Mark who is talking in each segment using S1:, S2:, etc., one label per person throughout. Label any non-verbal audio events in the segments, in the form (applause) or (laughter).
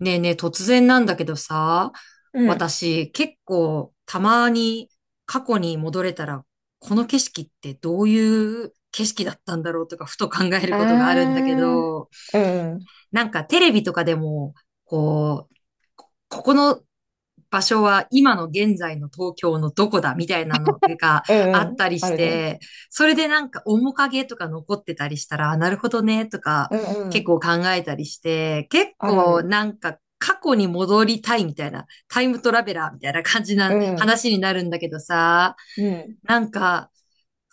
S1: ねえねえ、突然なんだけどさ、
S2: うん。
S1: 私結構たまに過去に戻れたら、この景色ってどういう景色だったんだろうとか、ふと考えることがあるんだ
S2: あ
S1: けど、
S2: あ、うん、
S1: テレビとかでも、こう、ここの場所は今の現在の東京のどこだみたいなのが
S2: う
S1: あ
S2: ん、う
S1: っ
S2: ん、
S1: たり
S2: あ
S1: し
S2: るね。
S1: て、それで面影とか残ってたりしたら、あ、なるほどねとか
S2: うん、う
S1: 結
S2: ん、
S1: 構考えたりして、結
S2: あるあ
S1: 構
S2: る。
S1: 過去に戻りたいみたいな、タイムトラベラーみたいな感じ
S2: う
S1: な
S2: ん、
S1: 話になるんだけどさ、
S2: うん、
S1: なんか、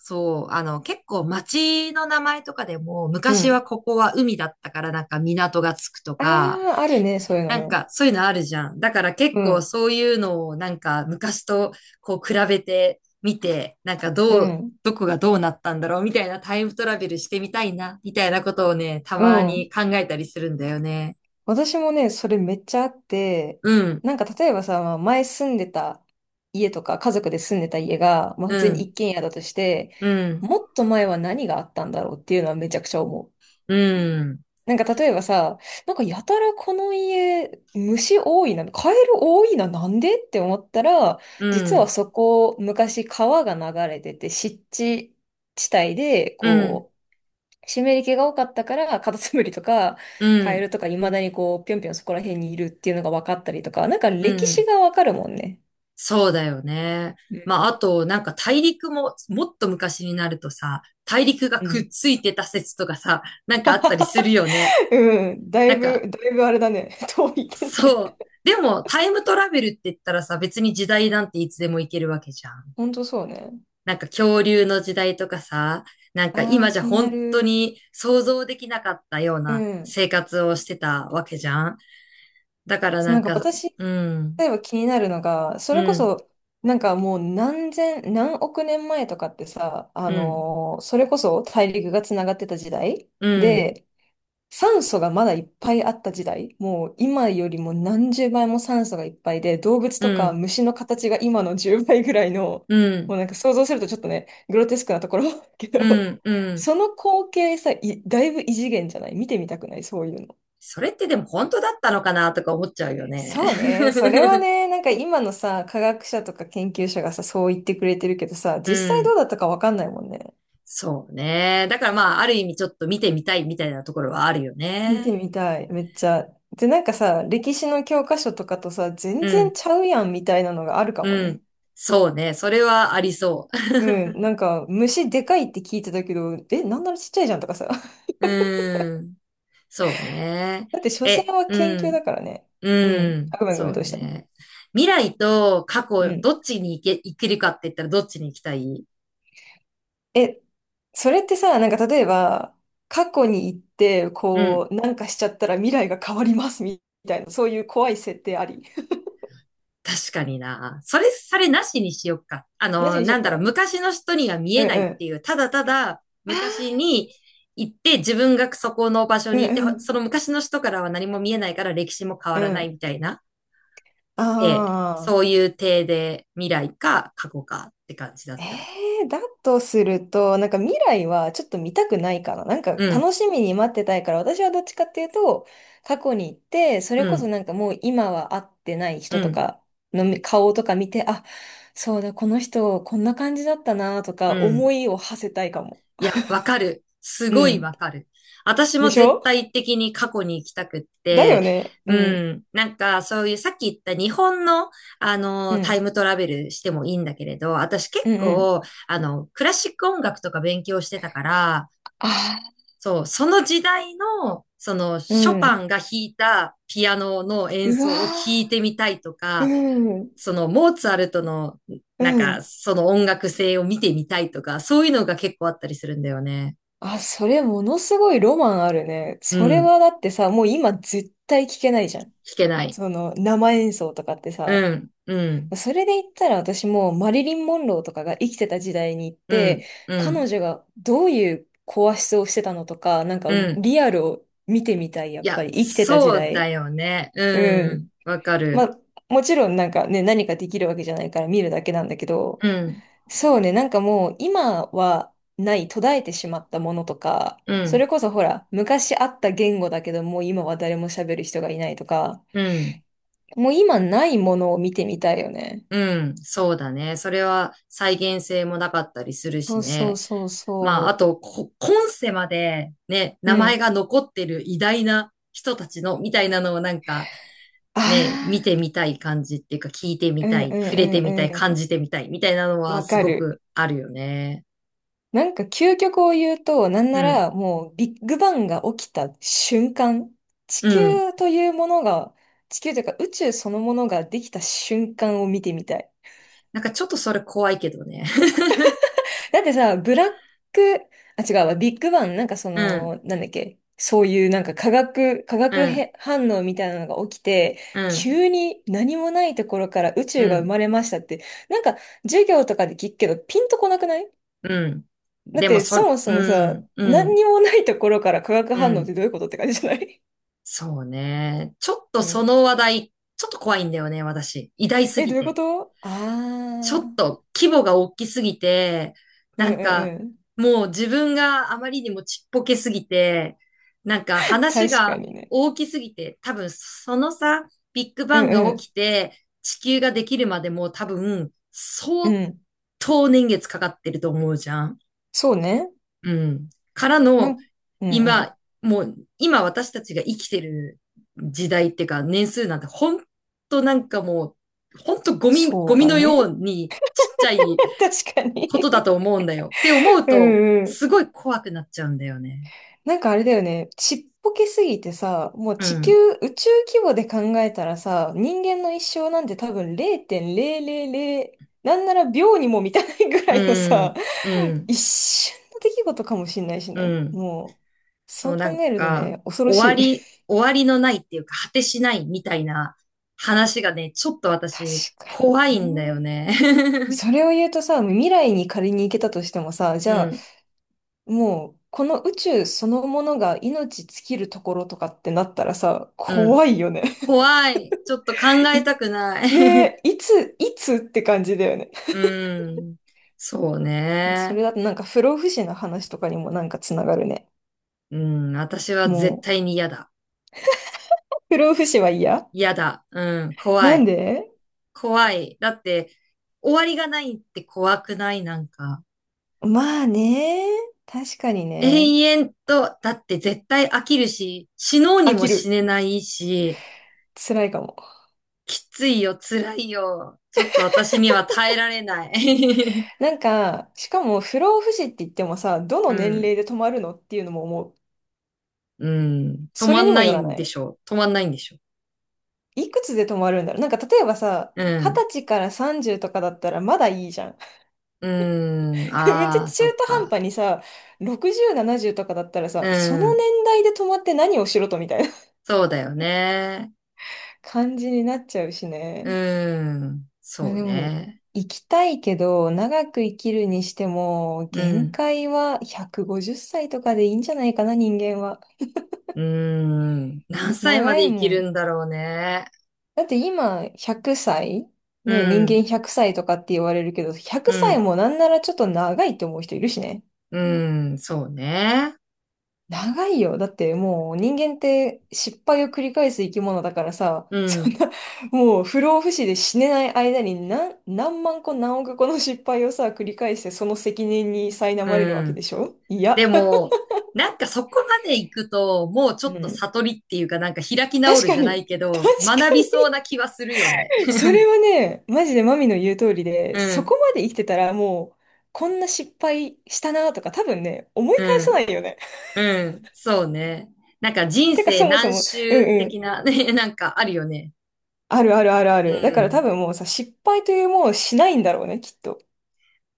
S1: 結構街の名前とかでも、
S2: う
S1: 昔は
S2: ん。
S1: ここは海だったから港がつくと
S2: あ
S1: か、
S2: あ、あるね、そういうのね。
S1: そういうのあるじゃん。だから結
S2: う
S1: 構
S2: ん、
S1: そういうのを昔とこう比べてみて、
S2: うん、
S1: どこがどうなったんだろうみたいなタイムトラベルしてみたいな、みたいなことをね、た
S2: う
S1: ま
S2: ん。
S1: に考えたりするんだよね。
S2: 私もね、それめっちゃあって、
S1: うん、
S2: なんか例えばさ、まあ前住んでた家とか、家族で住んでた家が、まあ普
S1: う
S2: 通に
S1: ん、
S2: 一軒家だとして、
S1: うん、
S2: もっと前は何があったんだろうっていうのはめちゃくちゃ思う。
S1: うん、
S2: なんか例えばさ、なんかやたらこの家、虫多いな、カエル多いな、なんでって思ったら、
S1: う
S2: 実は
S1: ん、
S2: そこ、昔川が流れてて、湿地地帯で、
S1: うん、
S2: こう、湿り気が多かったから、カタツムリとか、
S1: う
S2: カエ
S1: ん、
S2: ルとか、未だにこう、ぴょんぴょんそこら辺にいるっていうのが分かったりとか、なんか
S1: う
S2: 歴史
S1: ん。
S2: がわかるもんね。
S1: そうだよね。
S2: う
S1: まあ、あ
S2: ん
S1: と、大陸も、もっと昔になるとさ、大陸が
S2: う
S1: くっ
S2: ん。
S1: ついてた説とかさ、なんかあったりするよね。
S2: (laughs) うん、だ
S1: な
S2: い
S1: ん
S2: ぶ、
S1: か、
S2: だいぶあれだね。(laughs) 遠いけどね。
S1: そう。でも、タイムトラベルって言ったらさ、別に時代なんていつでも行けるわけじゃん。
S2: ほんとそうね。
S1: なんか恐竜の時代とかさ、なんか
S2: ああ、
S1: 今じゃ
S2: 気にな
S1: 本当
S2: る。
S1: に想像できなかったよう
S2: う
S1: な
S2: ん。
S1: 生活をしてたわけじゃん。だから
S2: そう、
S1: な
S2: な
S1: ん
S2: んか
S1: か、
S2: 私、
S1: うん、
S2: 例えば気になるのが、そ
S1: う
S2: れこ
S1: ん、
S2: そ、なんかもう何千、何億年前とかってさ、
S1: うん、
S2: それこそ大陸がつながってた時代
S1: うん、
S2: で、酸素がまだいっぱいあった時代、もう今よりも何十倍も酸素がいっぱいで、動物
S1: う
S2: とか
S1: ん、
S2: 虫の形が今の10倍ぐらいの、
S1: う
S2: もう
S1: ん、
S2: なんか想像するとちょっとね、グロテスクなところ (laughs) け
S1: う
S2: ど、
S1: ん、うん。
S2: その光景さ、いだいぶ異次元じゃない？見てみたくないそういうの？
S1: それってでも本当だったのかなとか思っちゃうよね。
S2: そうね。それはね、なんか今のさ、科学者とか研究者がさ、そう言ってくれてるけどさ、
S1: (laughs) う
S2: 実際どう
S1: ん。
S2: だったかわかんないもんね。
S1: そうね。だからまあ、ある意味ちょっと見てみたいみたいなところはあるよ
S2: 見て
S1: ね。
S2: みたい、めっちゃ。で、なんかさ、歴史の教科書とかとさ、全
S1: う
S2: 然
S1: ん。
S2: ちゃうやんみたいなのがあるかも
S1: う
S2: ね。
S1: ん。そうね。それはありそ
S2: うん、なんか虫でかいって聞いてたけど、え、なんならちっちゃいじゃんとかさ。(laughs)
S1: う。(laughs) うん。そうね。
S2: だって所
S1: え、
S2: 詮は
S1: う
S2: 研究
S1: ん。
S2: だからね。う
S1: う
S2: ん。あ、
S1: ん。
S2: ごめんごめ
S1: そ
S2: ん、
S1: う
S2: どうした？
S1: ね。未来と過
S2: う
S1: 去、
S2: ん。
S1: どっちに行け、行けるかって言ったらどっちに行きたい？
S2: え、それってさ、なんか例えば、過去に行って、
S1: うん。
S2: こう、なんかしちゃったら未来が変わりますみたいな、そういう怖い設定あり？(laughs)
S1: 確かにな。それ、それなしにしよっか。あ
S2: なし
S1: の、
S2: にし
S1: な
S2: よ
S1: ん
S2: う
S1: だろう、
S2: か。
S1: 昔の人には見
S2: う
S1: え
S2: ん
S1: ない
S2: う
S1: って
S2: ん。
S1: いう、ただただ昔
S2: あ
S1: に行って自分がそこの場所
S2: ー
S1: にいて、
S2: う
S1: ほそ
S2: ん
S1: の昔の人からは何も見えないから歴史も変わ
S2: う
S1: ら
S2: ん。う
S1: ない
S2: ん。
S1: みたいな。ええ、
S2: あ
S1: そういう体で未来か過去かって感じだ
S2: え
S1: ったら。
S2: だとすると、なんか未来はちょっと見たくないかな。なんか
S1: うん、
S2: 楽しみに待ってたいから、私はどっちかっていうと、過去に行って、そ
S1: う
S2: れこそ
S1: ん、
S2: なんかもう今は会ってない
S1: う
S2: 人と
S1: ん、
S2: かの顔とか見て、あ、そうだ、この人こんな感じだったなと
S1: う
S2: か思
S1: ん。
S2: いを馳せたいかも。
S1: いや、わかる。す
S2: う
S1: ごい
S2: ん。
S1: わかる。私
S2: で
S1: も
S2: し
S1: 絶
S2: ょ？
S1: 対的に過去に行きたくっ
S2: だ
S1: て、
S2: よね。う
S1: う
S2: ん。
S1: ん。なんか、そういうさっき言った日本の、あ
S2: う
S1: の、タイ
S2: ん。
S1: ムトラベルしてもいいんだけれど、私結
S2: うんうん。
S1: 構、あの、クラシック音楽とか勉強してたから、
S2: ああ、
S1: そう、その時代の、その、
S2: う
S1: ショパ
S2: ん。
S1: ンが弾いたピアノの演
S2: うわ
S1: 奏を聞いてみたいと
S2: ー、う
S1: か、
S2: ん。
S1: そのモーツァルトの、
S2: う
S1: なんか、
S2: ん。
S1: その音楽性を見てみたいとか、そういうのが結構あったりするんだよね。
S2: あ、それものすごいロマンあるね。
S1: う
S2: それ
S1: ん。
S2: はだってさ、もう今絶対聞けないじゃん。
S1: 聞けない。
S2: その生演奏とかってさ。
S1: うん、うん、
S2: それで言ったら私もうマリリン・モンローとかが生きてた時代に行っ
S1: う
S2: て、
S1: ん、う
S2: 彼
S1: ん、
S2: 女がどういう声質をしてたのとか、なんか
S1: うん。
S2: リアルを見てみたい、やっ
S1: い
S2: ぱ
S1: や、
S2: り生きてた時
S1: そう
S2: 代。
S1: だよね。
S2: う
S1: うん。
S2: ん。
S1: わか
S2: ま
S1: る。
S2: あ、もちろんなんかね、何かできるわけじゃないから見るだけなんだけど、
S1: うん、
S2: そうね、なんかもう今はない途絶えてしまったものとか、
S1: う
S2: そ
S1: ん、
S2: れこそほら、昔あった言語だけどもう今は誰も喋る人がいないとか、
S1: うん、
S2: もう今ないものを見てみたいよね。
S1: うん。そうだね。それは再現性もなかったりする
S2: そ
S1: し
S2: うそ
S1: ね。
S2: うそう
S1: まあ、あ
S2: そ
S1: と、こ今世までね、
S2: う。
S1: 名
S2: う
S1: 前
S2: ん。
S1: が残ってる偉大な人たちの、みたいなのをなんか、ね、見
S2: あ
S1: てみたい感じっていうか、聞いてみ
S2: あ、う
S1: た
S2: んう
S1: い、触れてみたい、
S2: んう
S1: 感
S2: ん
S1: じてみたい、みたいなの
S2: うん。
S1: は
S2: わ
S1: す
S2: か
S1: ご
S2: る。
S1: くあるよね。
S2: なんか究極を言うと、なんな
S1: うん、
S2: らもうビッグバンが起きた瞬間、地
S1: うん。
S2: 球というものが、地球というか宇宙そのものができた瞬間を見てみたい。
S1: なんかちょっとそれ怖いけどね。(laughs)
S2: だってさ、ブラック、あ、違うわ、ビッグバン、なんかそ
S1: うん、
S2: の、なんだっけ、そういうなんか化学、化
S1: う
S2: 学
S1: ん、
S2: へ反応みたいなのが起きて、
S1: うん、
S2: 急に何もないところから宇
S1: う
S2: 宙が生
S1: ん、
S2: まれましたって、なんか授業とかで聞くけど、ピンとこなくない？
S1: うん。
S2: だっ
S1: でも
S2: て
S1: そ、
S2: そもそ
S1: う
S2: もさ、
S1: ん、う
S2: 何
S1: ん、
S2: にもないところから化学
S1: う
S2: 反応って
S1: ん。
S2: どういうことって感じじゃない？
S1: そうね。ちょっ
S2: (laughs)
S1: と
S2: う
S1: そ
S2: ん。
S1: の話題、ちょっと怖いんだよね、私。偉大す
S2: え、
S1: ぎ
S2: どういうこ
S1: て。
S2: と？ああ
S1: ちょっ
S2: ー、
S1: と規模が大きすぎて、
S2: うん
S1: なん
S2: う
S1: か
S2: んうん。
S1: もう自分があまりにもちっぽけすぎて、話
S2: 確か
S1: が
S2: にね。
S1: 大きすぎて、多分そのさ、ビッグ
S2: う
S1: バンが
S2: んう
S1: 起
S2: ん。
S1: きて地球ができるまでも多分
S2: う
S1: 相
S2: ん。
S1: 当年月かかってると思うじゃん。
S2: そうね。
S1: うん。から
S2: な
S1: の
S2: ん、うんうん。
S1: 今、もう今私たちが生きてる時代っていうか年数なんて本当なんかもう、ほんとゴミ、ゴ
S2: そう
S1: ミ
S2: だ
S1: の
S2: ね。
S1: ようにちっちゃい
S2: (laughs) 確かに。
S1: ことだと思うんだよ。って思う
S2: う
S1: と、
S2: んうん。
S1: すごい怖くなっちゃうんだよね。
S2: なんかあれだよね。ちっぽけすぎてさ、もう
S1: う
S2: 地球、
S1: ん。
S2: 宇宙規模で考えたらさ、人間の一生なんて多分0.000、なんなら秒にも満たないぐらいの
S1: う
S2: さ、
S1: ん。うん。
S2: 一瞬の出来事かもしんないし
S1: う
S2: ね。
S1: ん。
S2: もう、そ
S1: そう、
S2: う考
S1: なん
S2: えると
S1: か、
S2: ね、恐ろ
S1: 終
S2: し
S1: わ
S2: い。
S1: り、終わりのないっていうか、果てしないみたいな話がね、ちょっと
S2: (laughs) 確
S1: 私、
S2: か
S1: 怖い
S2: に
S1: んだよ
S2: ね。
S1: ね。
S2: それを言うとさ、未来に仮に行けたとしてもさ、
S1: (laughs)
S2: じ
S1: う
S2: ゃあ
S1: ん。
S2: もう、この宇宙そのものが命尽きるところとかってなったらさ、
S1: うん。
S2: 怖いよね。
S1: 怖い。ちょっと考
S2: (laughs)
S1: え
S2: い、
S1: たくない。(laughs)
S2: ねえ、いつって感じだよね。
S1: うん。そう
S2: (laughs) そ
S1: ね。
S2: れだとなんか不老不死の話とかにもなんかつながるね。
S1: うん。私は絶
S2: も
S1: 対に嫌だ。
S2: う、不老不死は嫌。
S1: 嫌だ。うん。怖
S2: なん
S1: い。
S2: で？
S1: 怖い。だって、終わりがないって怖くないなんか。
S2: まあね。確かにね。
S1: 永遠と、だって絶対飽きるし、死のうに
S2: 飽
S1: も
S2: き
S1: 死
S2: る。
S1: ねないし、
S2: 辛いかも。
S1: きついよ、辛いよ。ちょっと私には耐えられない。
S2: なんか、しかも不老不死って言ってもさ、ど
S1: (laughs)
S2: の
S1: う
S2: 年
S1: ん。
S2: 齢で止まるのっていうのも思う。
S1: うん。止
S2: そ
S1: ま
S2: れに
S1: ん
S2: も
S1: な
S2: よ
S1: い
S2: ら
S1: ん
S2: な
S1: で
S2: い。
S1: しょう？止まんないんでしょ
S2: いくつで止まるんだろう。なんか例えばさ、
S1: う？う
S2: 二
S1: ん。
S2: 十歳から30とかだったらまだいいじゃん。
S1: うん。
S2: (laughs) めっちゃ中
S1: ああ、そっ
S2: 途半
S1: か。
S2: 端にさ、60、70とかだったら
S1: う
S2: さ、その年
S1: ん。
S2: 代で止まって何をしろとみたいな
S1: そうだよね。
S2: (laughs) 感じになっちゃうしね。
S1: うん。
S2: まあ
S1: そう
S2: でも、
S1: ね。
S2: 生きたいけど、長く生きるにしても、
S1: う
S2: 限
S1: ん。
S2: 界は150歳とかでいいんじゃないかな、人間は。
S1: うん。何歳ま
S2: 長
S1: で
S2: い
S1: 生
S2: も
S1: きる
S2: ん。
S1: んだろうね。
S2: だって今、100歳
S1: う
S2: ね、人間
S1: ん、
S2: 100歳とかって言われるけど、100
S1: う
S2: 歳
S1: ん、
S2: もなんならちょっと長いって思う人いるしね。
S1: うん、そうね。
S2: 長いよ。だってもう人間って失敗を繰り返す生き物だからさ、
S1: う
S2: (laughs) そん
S1: ん、
S2: な、もう不老不死で死ねない間に何万個何億個の失敗をさ、繰り返してその責任に苛
S1: う
S2: まれるわけで
S1: ん。
S2: しょ？いや、
S1: でも、なんかそこまで行くと、もうちょっ
S2: う
S1: と
S2: ん。
S1: 悟りっていうか、なんか開き直
S2: 確
S1: る
S2: か
S1: じゃな
S2: に、
S1: いけ
S2: 確か
S1: ど、学びそうな気はするよね。
S2: に。それはね、マジでマミの言う通りで、
S1: う
S2: そこ
S1: ん、
S2: まで生きてたらもう、こんな失敗したなとか多分ね、思い返
S1: う
S2: さ
S1: ん、
S2: ないよね。
S1: うん、そうね。なんか
S2: (laughs)
S1: 人
S2: てか
S1: 生
S2: そもそ
S1: 何
S2: も、
S1: 周
S2: う
S1: 的
S2: ん、
S1: なね、なんかあるよね。
S2: あるあるあるあ
S1: う
S2: る。だから多
S1: ん。
S2: 分もうさ、失敗というものをしないんだろうね、きっと。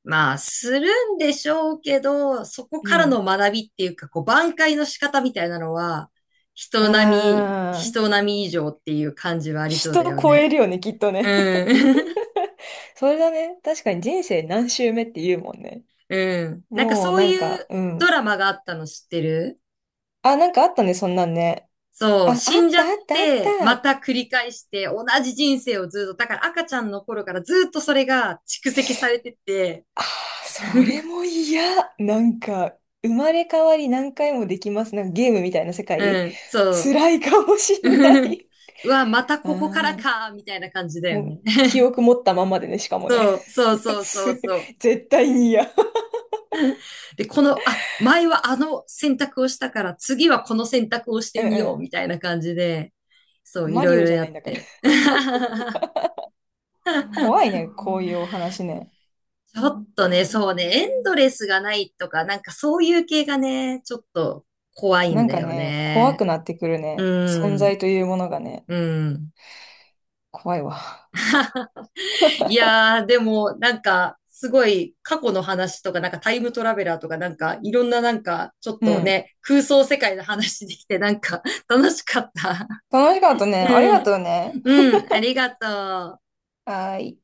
S1: まあ、するんでしょうけど、そこ
S2: う
S1: からの
S2: ん。
S1: 学びっていうか、こう、挽回の仕方みたいなのは、
S2: あー、
S1: 人並み以上っていう感じはありそうだ
S2: 人
S1: よ
S2: 超
S1: ね。
S2: えるよね、きっと
S1: う
S2: ね。
S1: ん。
S2: (laughs) それだね。確かに人生何周目って言うもんね。
S1: (laughs) うん。なんか
S2: もう
S1: そう
S2: なん
S1: い
S2: か、
S1: う
S2: う
S1: ド
S2: ん。
S1: ラマがあったの知ってる？
S2: あ、なんかあったね、そんなんね。
S1: そ
S2: あ、
S1: う、
S2: あっ
S1: 死んじゃ
S2: た
S1: っ
S2: あったあっ
S1: て、ま
S2: た。
S1: た繰り返して、同じ人生をずっと、だから赤ちゃんの頃からずっとそれが蓄積されてて、
S2: あー、それ
S1: (laughs)
S2: も嫌。なんか、生まれ変わり何回もできます。なんかゲームみたいな世界。
S1: うん、そう。
S2: 辛いかもしんな
S1: (laughs)
S2: い。
S1: うわ、また
S2: あ
S1: ここから
S2: ー。
S1: か、みたいな感じだよ
S2: もう、
S1: ね。
S2: 記憶持ったまんまでね、しかもね。
S1: そう、そう
S2: (laughs)
S1: そうそう
S2: つ
S1: そう。
S2: 絶対に嫌。
S1: で、この、あ、前はあの選択をしたから、次はこの選択をし
S2: う
S1: て
S2: ん
S1: みよう、
S2: う
S1: みたいな感じで、そ
S2: ん。
S1: う、い
S2: マ
S1: ろ
S2: リ
S1: い
S2: オ
S1: ろ
S2: じゃ
S1: や
S2: ないん
S1: っ
S2: だから。
S1: て。(laughs)
S2: 怖いね、こういうお話ね。
S1: ちょっとね、そうね、エンドレスがないとか、なんかそういう系がね、ちょっと怖い
S2: な
S1: ん
S2: ん
S1: だ
S2: か
S1: よ
S2: ね、怖
S1: ね。
S2: くなってくる
S1: う
S2: ね。存
S1: ん、
S2: 在というものがね、
S1: うん。
S2: 怖いわ。
S1: いやー、でも、なんか、すごい過去の話とか、なんかタイムトラベラーとか、いろんな、ちょっ
S2: う
S1: と
S2: ん。
S1: ね、空想世界の話できて、なんか (laughs) 楽しかった。
S2: 楽しかったね。あり
S1: う
S2: が
S1: ん。
S2: とうね。
S1: うん。ありがとう。
S2: はーい。